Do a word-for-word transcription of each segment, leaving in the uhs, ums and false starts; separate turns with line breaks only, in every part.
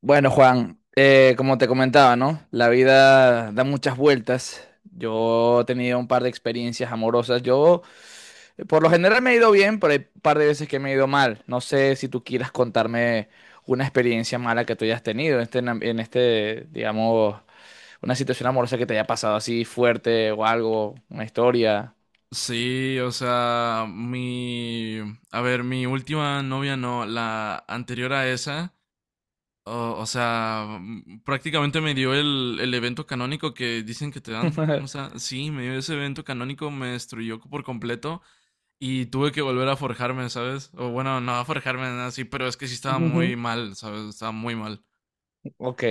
Bueno, Juan, eh, como te comentaba, ¿no? La vida da muchas vueltas. Yo he tenido un par de experiencias amorosas. Yo, eh, por lo general, me he ido bien, pero hay un par de veces que me he ido mal. No sé si tú quieras contarme una experiencia mala que tú hayas tenido en este, nam- en este, digamos, una situación amorosa que te haya pasado así fuerte o algo, una historia.
Sí, o sea, mi... A ver, mi última novia no, la anterior a esa, o, o sea, mm, prácticamente me dio el, el evento canónico que dicen que te dan. O sea, sí, me dio ese evento canónico, me destruyó por completo y tuve que volver a forjarme, ¿sabes? O bueno, no a forjarme, nada así, pero es que sí estaba muy mal, ¿sabes? Estaba muy mal.
Ok,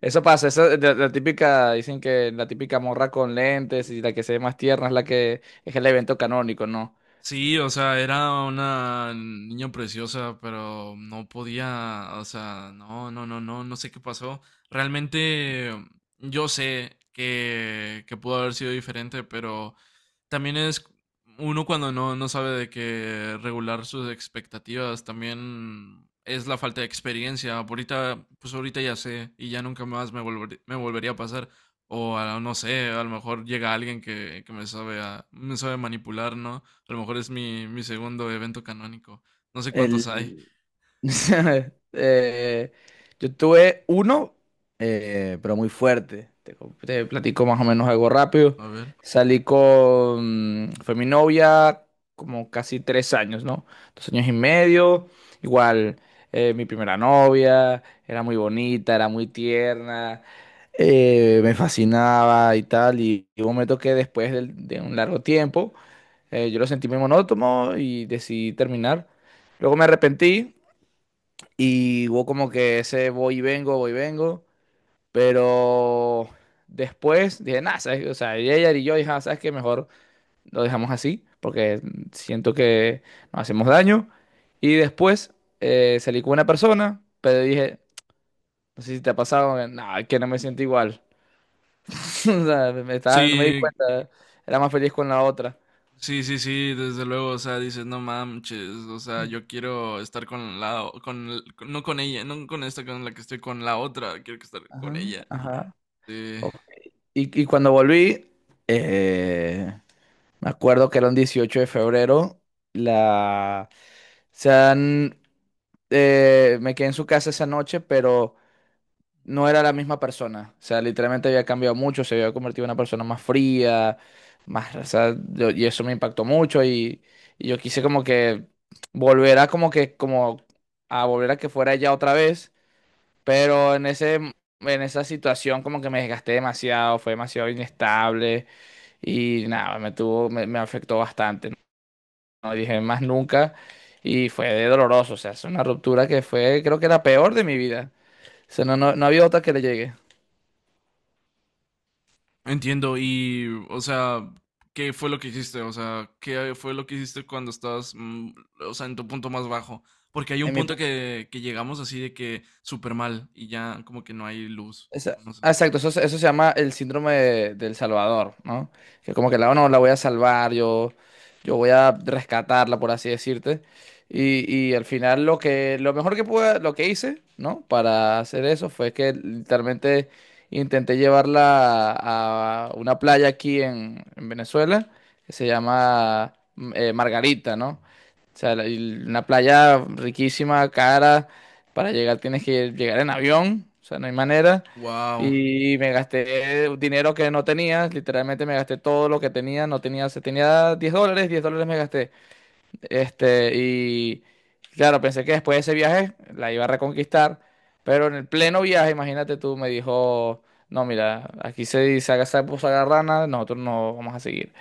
eso pasa, esa, es la, la típica, dicen que la típica morra con lentes y la que se ve más tierna es la que es el evento canónico, ¿no?
Sí, o sea, era una niña preciosa, pero no podía, o sea, no, no, no, no, no sé qué pasó. Realmente yo sé que, que pudo haber sido diferente, pero también es uno cuando no, no sabe de qué regular sus expectativas, también es la falta de experiencia. Ahorita, pues ahorita ya sé y ya nunca más me volver- me volvería a pasar. O a- no sé, a lo mejor llega alguien que, que me sabe, a- me sabe manipular, ¿no? A lo mejor es mi, mi segundo evento canónico. No sé cuántos hay.
El... Eh, yo tuve uno, eh, pero muy fuerte. Te, co- te platico más o menos algo rápido.
A ver.
Salí con, fue mi novia como casi tres años, ¿no? Dos años y medio. Igual, eh, mi primera novia, era muy bonita, era muy tierna, eh, me fascinaba y tal. Y y hubo un momento que después del- de, un largo tiempo, eh, yo lo sentí muy monótono y decidí terminar. Luego me arrepentí y hubo como que ese voy y vengo, voy y vengo. Pero después dije, nada, ¿sabes? O sea, y ella y yo dije, "Ah, ¿sabes qué? Mejor lo dejamos así, porque siento que nos hacemos daño". Y después, eh, salí con una persona, pero dije, no sé si te ha pasado, eh, no, que no me siento igual. O sea, me estaba- no me di
Sí,
cuenta, era más feliz con la otra.
sí, sí, sí, desde luego, o sea, dices, no manches, o sea, yo quiero estar con la, o- con, el- con- no con ella, no con esta con la que estoy, con la otra, quiero que estar con
Ajá,
ella.
ajá.
Eh,
Ok. Y, y cuando volví, eh, me acuerdo que era un dieciocho de febrero, la... se han, eh, me quedé en su casa esa noche, pero no era la misma persona. O sea, literalmente había cambiado mucho, se había convertido en una persona más fría, más, o sea, yo- y eso me impactó mucho y, y yo quise como que volver a como que, como a volver a que fuera ella otra vez, pero en ese, en esa situación como que me desgasté demasiado, fue demasiado inestable y nada, me tuvo, me me afectó bastante, no dije más nunca y fue de doloroso, o sea, es una ruptura que fue, creo que la peor de mi vida. O sea, no, no, no había otra que le llegue.
Entiendo, y, o sea, ¿qué fue lo que hiciste? O sea, ¿qué fue lo que hiciste cuando estabas, mm, o sea, en tu punto más bajo? Porque hay un
En mi...
punto que, que llegamos así de que súper mal y ya como que no hay luz,
Esa-
o no sé.
ah, exacto, eso, se eso se llama el síndrome de- del Salvador, ¿no? Que como que la, "Oh, no, la voy a salvar, yo, yo voy a rescatarla", por así decirte. Y, y al final lo que, lo mejor que pude, lo que hice, ¿no? Para hacer eso fue que literalmente intenté llevarla a, a una playa aquí en, en Venezuela, que se llama mm, eh, Margarita, ¿no? O sea, la- y una playa riquísima, cara. Para llegar tienes que llegar en avión. O sea, no hay manera.
Wow.
Y me gasté dinero que no tenía. Literalmente me gasté todo lo que tenía. No tenía, se tenía diez dólares. Diez dólares me gasté. Este, y claro, pensé que después de ese viaje la iba a reconquistar. Pero en el pleno viaje, imagínate tú, me dijo, no, mira, aquí se dice haga sapo, haga rana, nosotros no vamos a seguir.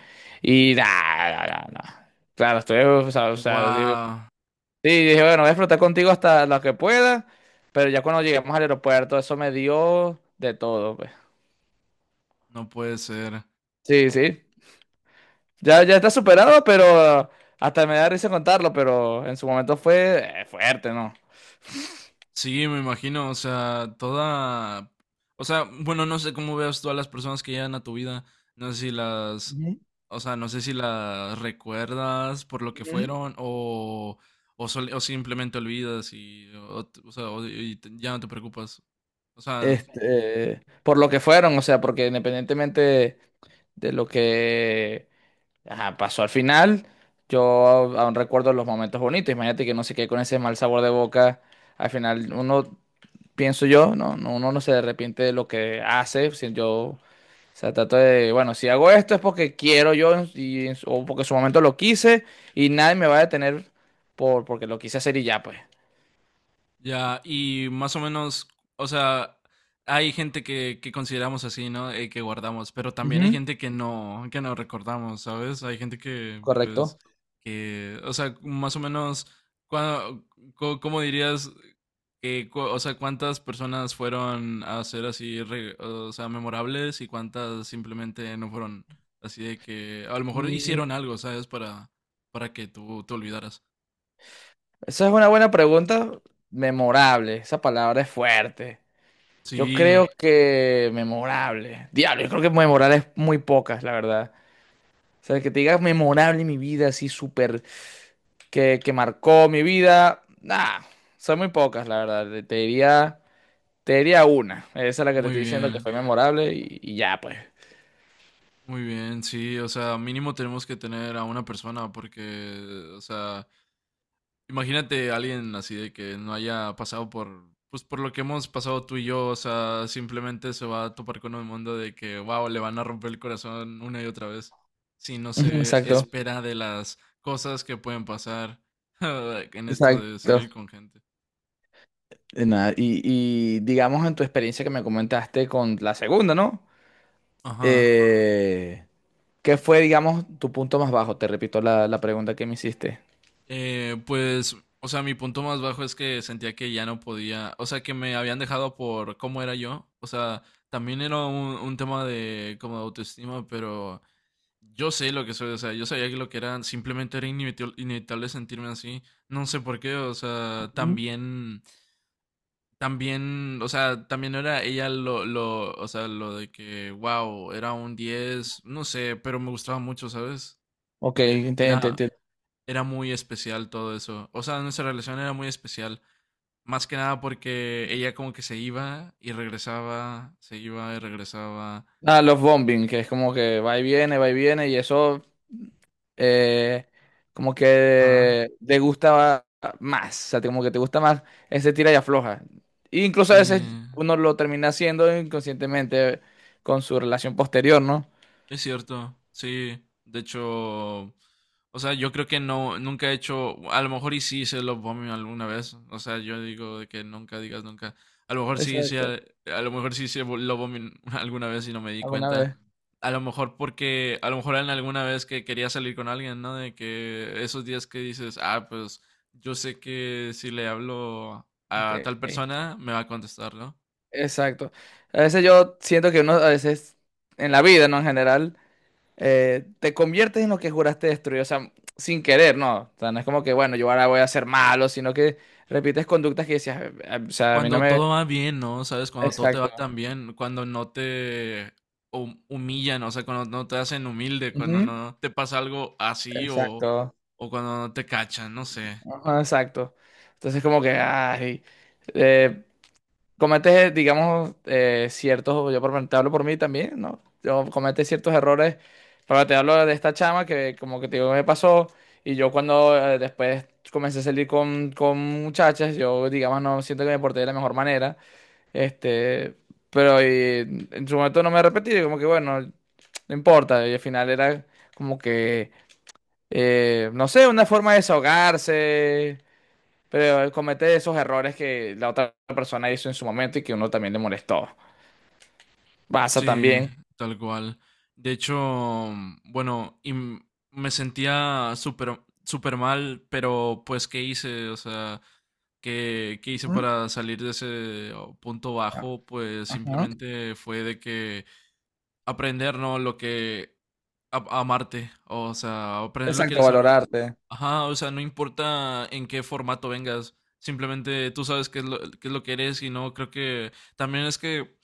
Y nada, nada, nada. Claro, estoy, o sea, o sea,
Wow,
sí, dije, bueno, voy a flotar contigo hasta lo que pueda, pero ya cuando llegamos al aeropuerto, eso me dio de todo, pues.
no puede ser.
Sí, sí. Ya, ya está superado, pero hasta me da risa contarlo, pero en su momento fue, eh, fuerte, ¿no?
Sí, me imagino, o sea, toda, o sea, bueno, no sé cómo veas tú a las personas que llegan a tu vida, no sé si las,
Ujú.
o sea, no sé si las recuerdas por lo que
Ujú.
fueron o, o, sol- o simplemente olvidas y, o, t- o sea, o- y te- ya no te preocupas, o sea,
Este, por lo que fueron, o sea, porque independientemente de lo que, ajá, pasó al final, yo aún recuerdo los momentos bonitos. Imagínate que no se quede con ese mal sabor de boca. Al final, uno, pienso yo, no, no, uno no se arrepiente de lo que hace, si yo, o sea, trato de, bueno, si hago esto es porque quiero yo y, o porque en su momento lo quise y nadie me va a detener por, porque lo quise hacer y ya, pues.
ya, y más o menos, o sea, hay gente que, que consideramos así, ¿no? Eh, que guardamos, pero también hay
Ujú.
gente que no, que no recordamos, ¿sabes? Hay gente que, pues,
Correcto.
que, o sea, más o menos, ¿cuá- co- ¿cómo dirías que, cu- o sea, cuántas personas fueron a ser así, re- o sea, memorables y cuántas simplemente no fueron así de que, a lo mejor
Mm,
hicieron algo, ¿sabes? Para, para que tú te olvidaras.
Esa es una buena pregunta. Memorable. Esa palabra es fuerte. Yo
Sí,
creo que memorable. Diablo, yo creo que memorable es muy pocas, la verdad. O sea, que te digas memorable en mi vida, así súper. que, que marcó mi vida, nah, son muy pocas, la verdad. Te diría, te diría una. Esa es la que te
muy
estoy diciendo que
bien.
fue memorable y, y ya, pues.
Muy bien, sí, o sea, mínimo tenemos que tener a una persona porque, o sea, imagínate a alguien así de que no haya pasado por, pues por lo que hemos pasado tú y yo, o sea, simplemente se va a topar con un mundo de que, wow, le van a romper el corazón una y otra vez si no
Ujú,
se
exacto,
espera de las cosas que pueden pasar en esto de salir
exacto.
con gente.
Y nada, y, y digamos en tu experiencia que me comentaste con la segunda, ¿no?
Ajá.
Eh, ¿qué fue, digamos, tu punto más bajo? Te repito la, la pregunta que me hiciste.
Eh, pues, o sea, mi punto más bajo es que sentía que ya no podía, o sea, que me habían dejado por cómo era yo. O sea, también era un, un tema de como de autoestima, pero yo sé lo que soy, o sea, yo sabía que lo que era, simplemente era inevit- inevitable sentirme así. No sé por qué, o sea,
Ujú.
también, también, o sea, también no era ella lo, lo, o sea, lo de que, wow, era un diez no sé, pero me gustaba mucho, ¿sabes?
Ok,
e-
entiendo.
era, era muy especial todo eso. O sea, nuestra relación era muy especial. Más que nada porque ella como que se iba y regresaba, se iba y regresaba.
Ah, los bombing, que es como que va y viene, va y viene, y eso, eh, como
Ah,
que te gusta más, o sea, te- como que te gusta más ese tira y afloja. E incluso
sí.
a veces uno lo termina haciendo inconscientemente con su relación posterior, ¿no?
Es cierto, sí. De hecho, o sea, yo creo que no, nunca he hecho, a lo mejor y sí hice love bombing alguna vez. O sea, yo digo de que nunca digas nunca. A lo mejor sí hice,
Exacto.
a lo mejor sí hice love bombing alguna vez y no me di
¿Alguna
cuenta.
vez?
A lo mejor porque, a lo mejor en alguna vez que quería salir con alguien, ¿no? De que esos días que dices, ah, pues yo sé que si le hablo
Ok,
a tal
ok.
persona me va a contestar, ¿no?
Exacto. A veces yo siento que uno, a veces en la vida, ¿no? En general, eh, te conviertes en lo que juraste destruir, o sea, sin querer, ¿no? O sea, no es como que, bueno, yo ahora voy a ser malo, sino que repites conductas que decías, "Eh, eh, o sea, a mí no
Cuando
me..."
todo va bien, ¿no? ¿Sabes? Cuando todo te va
Exacto.
tan bien, cuando no te hum- humillan, o sea, cuando no te hacen humilde, cuando
Ujú,
no te pasa algo así o,
exacto.
o cuando no te cachan, no sé.
Ajá, exacto. Entonces como que, ay, eh, cometes, digamos, eh, ciertos, yo por, lo menos te hablo por mí también, ¿no? Yo cometes ciertos errores, pero te hablo de esta chama que como que te digo me pasó y yo cuando, eh, después comencé a salir con, con muchachas, yo digamos no siento que me porté de la mejor manera, este, pero y, en su momento no me arrepentí, y como que bueno, no importa, y al final era como que, eh, no sé, una forma de desahogarse. Pero comete esos errores que la otra persona hizo en su momento y que uno también le molestó. Pasa
Sí,
también.
tal cual. De hecho, bueno, y m- me sentía súper, súper mal, pero pues, ¿qué hice? O sea, ¿qué, qué hice
Ujú.
para salir de ese oh, punto bajo? Pues
Ajá.
simplemente fue de que aprender, ¿no? Lo que a- amarte, o sea, aprender lo que
Exacto,
eres o no.
valorarte.
Ajá, o sea, no importa en qué formato vengas, simplemente tú sabes qué es lo, qué es lo que eres y no, creo que también es que,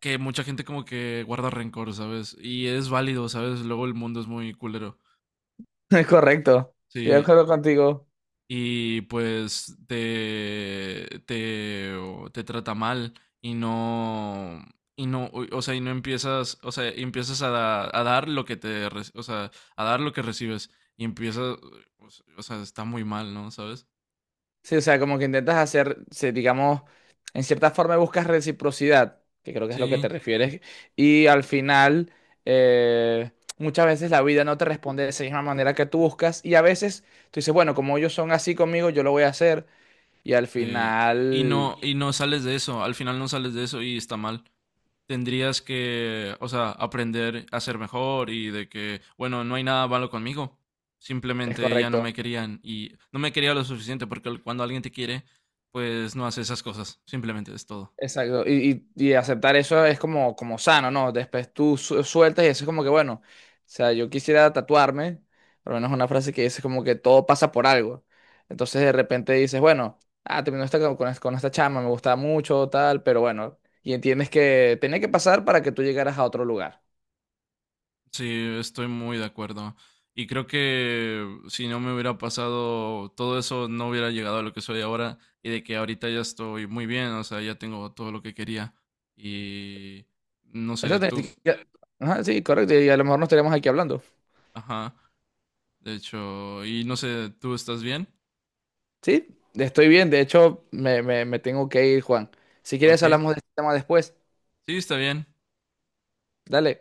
que mucha gente como que guarda rencor, ¿sabes? Y es válido, ¿sabes? Luego el mundo es muy culero.
Es correcto. Estoy de
Sí.
acuerdo contigo.
Y pues te, te, te trata mal y no, y no, o sea, y no empiezas, o sea, y empiezas a, da- a dar lo que te, re- o sea, a dar lo que recibes y empiezas, o s- o sea, está muy mal, ¿no? ¿Sabes?
Sí, o sea, como que intentas hacer, sí, digamos, en cierta forma buscas reciprocidad, que creo que es lo que
Sí,
te refieres, y al final, eh, muchas veces la vida no te responde de esa misma manera que tú buscas, y a veces tú dices, bueno, como ellos son así conmigo, yo lo voy a hacer, y al
sí. Y
final
no, y no sales de eso, al final no sales de eso y está mal. Tendrías que, o sea, aprender a ser mejor y de que, bueno, no hay nada malo conmigo.
es
Simplemente ya no me
correcto.
querían y no me quería lo suficiente porque cuando alguien te quiere, pues no hace esas cosas. Simplemente es todo.
Exacto, y, y- y aceptar eso es como, como sano, ¿no? Después tú su- sueltas y eso es como que, bueno, o sea, yo quisiera tatuarme, por lo menos una frase que dice como que todo pasa por algo. Entonces de repente dices, bueno, ah, terminó esta, con, con esta chama, me gustaba mucho, tal, pero bueno, y entiendes que tenía que pasar para que tú llegaras a otro lugar.
Sí, estoy muy de acuerdo. Y creo que si no me hubiera pasado todo eso, no hubiera llegado a lo que soy ahora y de que ahorita ya estoy muy bien, o sea, ya tengo todo lo que quería. Y no
Eso
sé,
te-
tú,
Ajá, sí, correcto, y a lo mejor nos estaríamos aquí hablando.
ajá, de hecho, y no sé, ¿tú estás bien?
Sí, estoy bien, de hecho, me, me, me tengo que ir, Juan. Si quieres,
Ok,
hablamos de este tema después.
sí, está bien.
Dale.